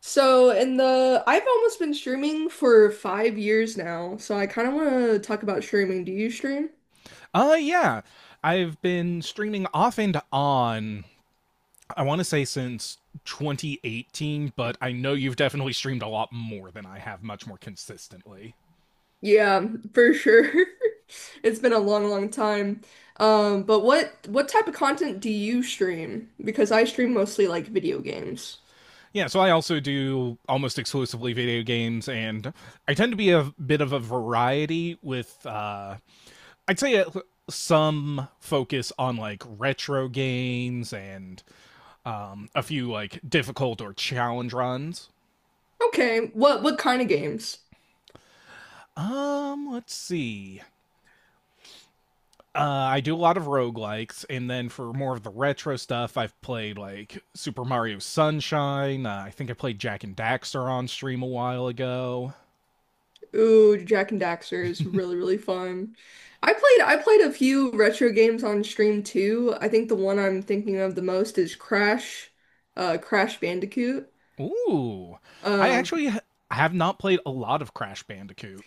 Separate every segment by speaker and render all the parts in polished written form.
Speaker 1: So, in the I've almost been streaming for 5 years now, so I kind of want to talk about streaming. Do you stream?
Speaker 2: Yeah. I've been streaming off and on, I want to say since 2018, but I know you've definitely streamed a lot more than I have, much more consistently.
Speaker 1: Yeah, for sure. It's been a long, long time. But what type of content do you stream? Because I stream mostly like video games.
Speaker 2: Yeah, so I also do almost exclusively video games, and I tend to be a bit of a variety with, I'd say, some focus on like retro games and a few like difficult or challenge runs.
Speaker 1: Okay, what kind of games?
Speaker 2: Let's see. I do a lot of roguelikes, and then for more of the retro stuff, I've played like Super Mario Sunshine. I think I played Jack and Daxter on stream a while ago.
Speaker 1: Ooh, Jack and Daxter is really, really fun. I played a few retro games on stream too. I think the one I'm thinking of the most is Crash Bandicoot.
Speaker 2: Ooh, I
Speaker 1: Um,
Speaker 2: actually ha- have not played a lot of Crash Bandicoot.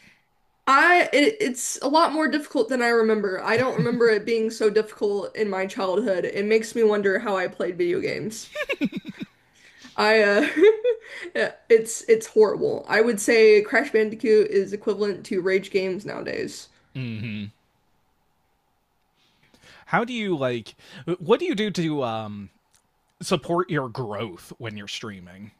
Speaker 1: it's a lot more difficult than I remember. I don't remember it being so difficult in my childhood. It makes me wonder how I played video games. I yeah, it's horrible. I would say Crash Bandicoot is equivalent to rage games nowadays.
Speaker 2: Hmm How do you like? What do you do to support your growth when you're streaming?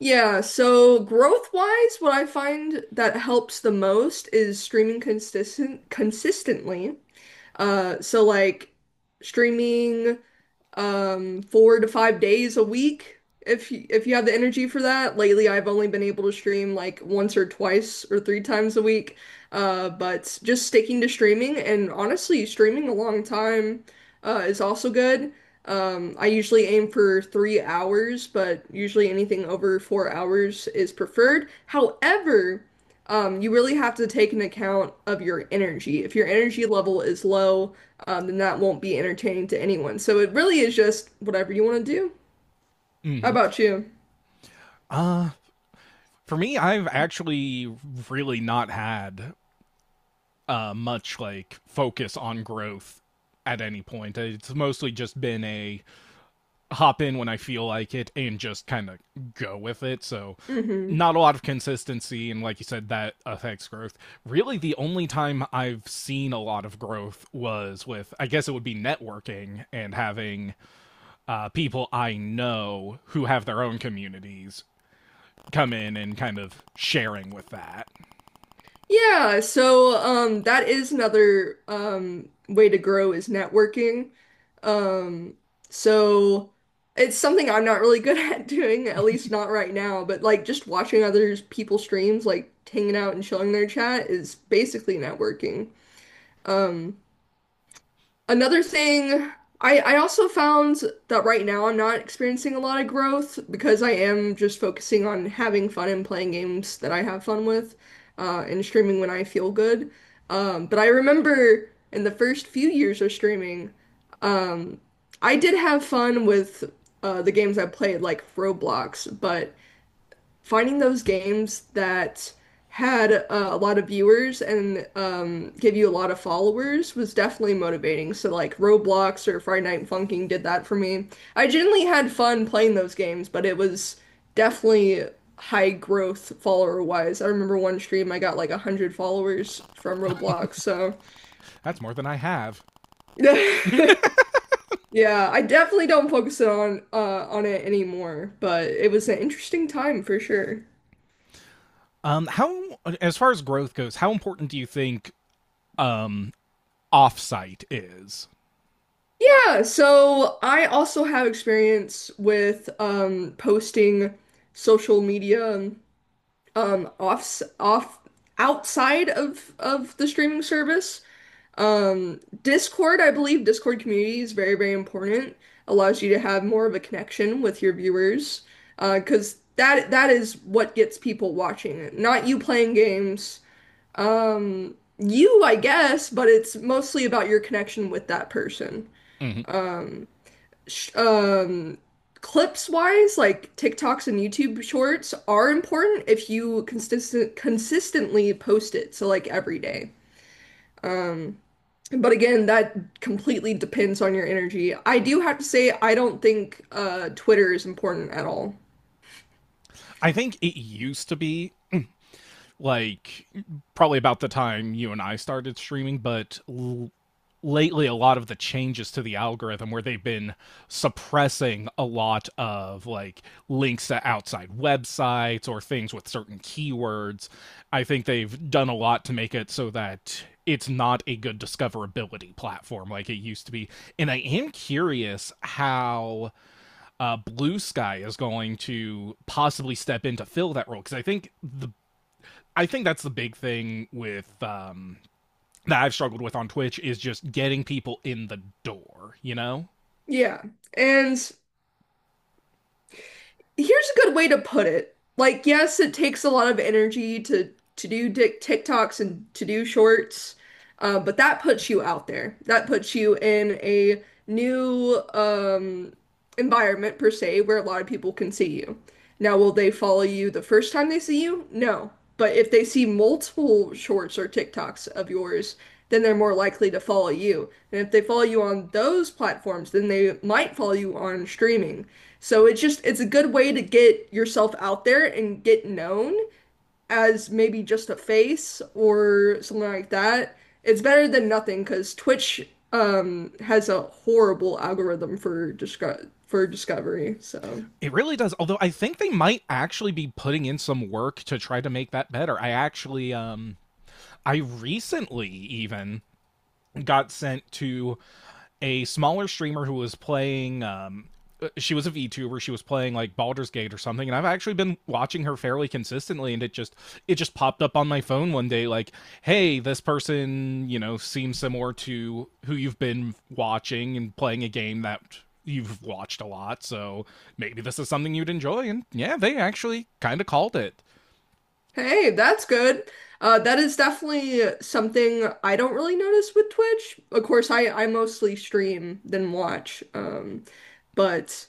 Speaker 1: Yeah, so growth-wise, what I find that helps the most is streaming consistent consistently. Uh, so like streaming 4 to 5 days a week if you have the energy for that. Lately, I've only been able to stream like once or twice or three times a week. But just sticking to streaming and, honestly, streaming a long time is also good. I usually aim for 3 hours, but usually anything over 4 hours is preferred. However, you really have to take an account of your energy. If your energy level is low, then that won't be entertaining to anyone. So it really is just whatever you want to do. How
Speaker 2: Hmm
Speaker 1: about you?
Speaker 2: For me, I've actually really not had much like focus on growth at any point. It's mostly just been a hop in when I feel like it and just kind of go with it. So
Speaker 1: Hmm.
Speaker 2: not a lot of consistency, and like you said, that affects growth. Really the only time I've seen a lot of growth was with, I guess it would be, networking and having people I know who have their own communities come in and kind of sharing with that.
Speaker 1: That is another way to grow, is networking. Um, so it's something I'm not really good at doing, at least not right now, but like just watching other people's streams, like hanging out and chilling their chat is basically networking. Um, Another thing, I also found that right now I'm not experiencing a lot of growth because I am just focusing on having fun and playing games that I have fun with, and streaming when I feel good. But I remember in the first few years of streaming, um, I did have fun with the games I played, like Roblox, but finding those games that had a lot of viewers and give you a lot of followers was definitely motivating. So like Roblox or Friday Night Funkin' did that for me. I generally had fun playing those games, but it was definitely high growth follower wise. I remember one stream I got like 100 followers from Roblox, so
Speaker 2: That's more than I have.
Speaker 1: yeah, I definitely don't focus on it anymore, but it was an interesting time for sure.
Speaker 2: How, as far as growth goes, how important do you think um offsite is?
Speaker 1: Yeah, so I also have experience with posting social media off off outside of the streaming service. Discord, I believe Discord community is very, very important. Allows you to have more of a connection with your viewers, because that is what gets people watching it. Not you playing games, you, I guess, but it's mostly about your connection with that person.
Speaker 2: Mm-hmm.
Speaker 1: Um, sh- um clips wise, like TikToks and YouTube shorts are important if you consistently post it, so like every day. Um but again, that completely depends on your energy. I do have to say I don't think Twitter is important at all.
Speaker 2: I think it used to be, like, probably about the time you and I started streaming, but lately a lot of the changes to the algorithm where they've been suppressing a lot of like links to outside websites or things with certain keywords. I think they've done a lot to make it so that it's not a good discoverability platform like it used to be. And I am curious how Blue Sky is going to possibly step in to fill that role, because I think the I think that's the big thing with, that I've struggled with on Twitch, is just getting people in the door. You know,
Speaker 1: Yeah. And Here's a good way to put it. Like, yes, it takes a lot of energy to TikToks and to do shorts, but that puts you out there. That puts you in a new environment, per se, where a lot of people can see you. Now, will they follow you the first time they see you? No. But if they see multiple shorts or TikToks of yours, then they're more likely to follow you. And if they follow you on those platforms, then they might follow you on streaming. So it's just it's a good way to get yourself out there and get known as maybe just a face or something like that. It's better than nothing because Twitch has a horrible algorithm for discovery. So
Speaker 2: it really does. Although I think they might actually be putting in some work to try to make that better. I actually, I recently even got sent to a smaller streamer who was playing she was a VTuber, she was playing like Baldur's Gate or something, and I've actually been watching her fairly consistently, and it just, it just popped up on my phone one day like, "Hey, this person, you know, seems similar to who you've been watching and playing a game that you've watched a lot, so maybe this is something you'd enjoy." And yeah, they actually kind of called it.
Speaker 1: hey, that's good. That is definitely something I don't really notice with Twitch. Of course, I mostly stream than watch. But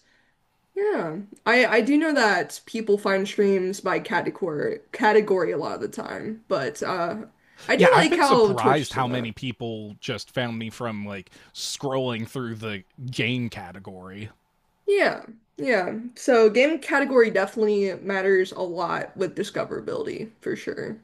Speaker 1: Yeah. I do know that people find streams by category a lot of the time, but I
Speaker 2: Yeah,
Speaker 1: do
Speaker 2: I've
Speaker 1: like
Speaker 2: been
Speaker 1: how Twitch
Speaker 2: surprised
Speaker 1: does
Speaker 2: how
Speaker 1: that.
Speaker 2: many people just found me from like scrolling through the game category.
Speaker 1: Yeah. Yeah. So game category definitely matters a lot with discoverability for sure.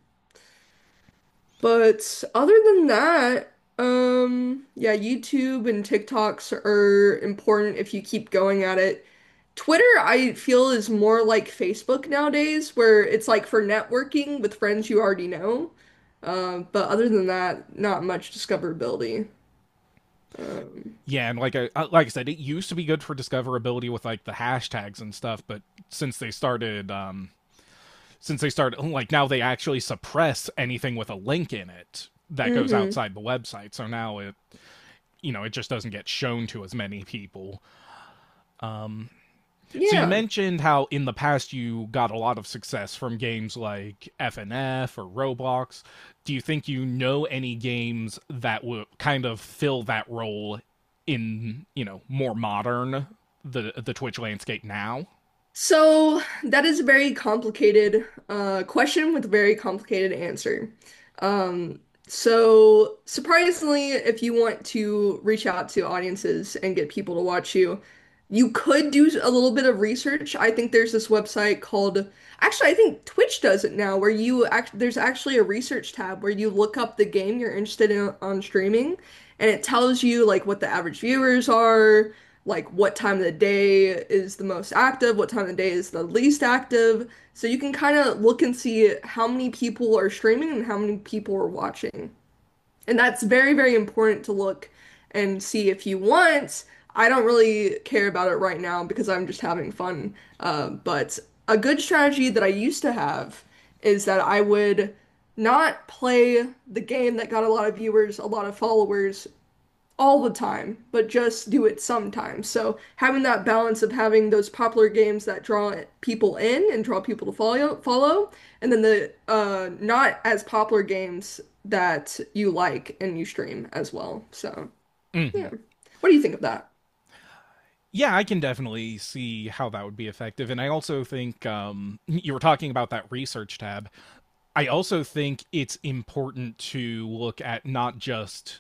Speaker 1: But other than that, yeah, YouTube and TikToks are important if you keep going at it. Twitter, I feel, is more like Facebook nowadays, where it's like for networking with friends you already know. But other than that, not much discoverability. Um,
Speaker 2: Yeah, and like I said, it used to be good for discoverability with like the hashtags and stuff, but since they started um since they started, like, now they actually suppress anything with a link in it that goes
Speaker 1: hmm.
Speaker 2: outside the website. So now it, you know, it just doesn't get shown to as many people. So you
Speaker 1: Yeah.
Speaker 2: mentioned how in the past you got a lot of success from games like FNF or Roblox. Do you think you know any games that will kind of fill that role in, you know, more modern, the Twitch landscape now?
Speaker 1: So that is a very complicated question with a very complicated answer. Um, so surprisingly, if you want to reach out to audiences and get people to watch you, you could do a little bit of research. I think there's this website called I think Twitch does it now, where you act there's actually a research tab where you look up the game you're interested in on streaming, and it tells you like what the average viewers are, like what time of the day is the most active, what time of the day is the least active. So you can kind of look and see how many people are streaming and how many people are watching. And that's very, very important to look and see if you want. I don't really care about it right now because I'm just having fun. But a good strategy that I used to have is that I would not play the game that got a lot of viewers, a lot of followers, all the time, but just do it sometimes. So having that balance of having those popular games that draw people in and draw people to follow, and then the not as popular games that you like and you stream as well. So
Speaker 2: Mm.
Speaker 1: yeah, what do you think of that?
Speaker 2: Yeah, I can definitely see how that would be effective. And I also think, you were talking about that research tab. I also think it's important to look at not just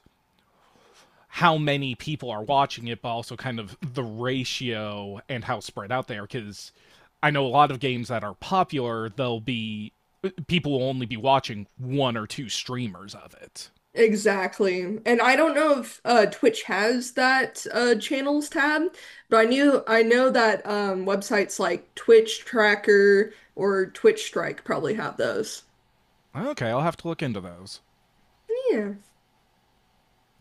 Speaker 2: how many people are watching it, but also kind of the ratio and how spread out they are. Because I know a lot of games that are popular, they'll be, people will only be watching one or two streamers of it.
Speaker 1: Exactly. And I don't know if Twitch has that channels tab, but I know that websites like Twitch Tracker or Twitch Strike probably have those.
Speaker 2: Okay, I'll have to look into those.
Speaker 1: Yeah.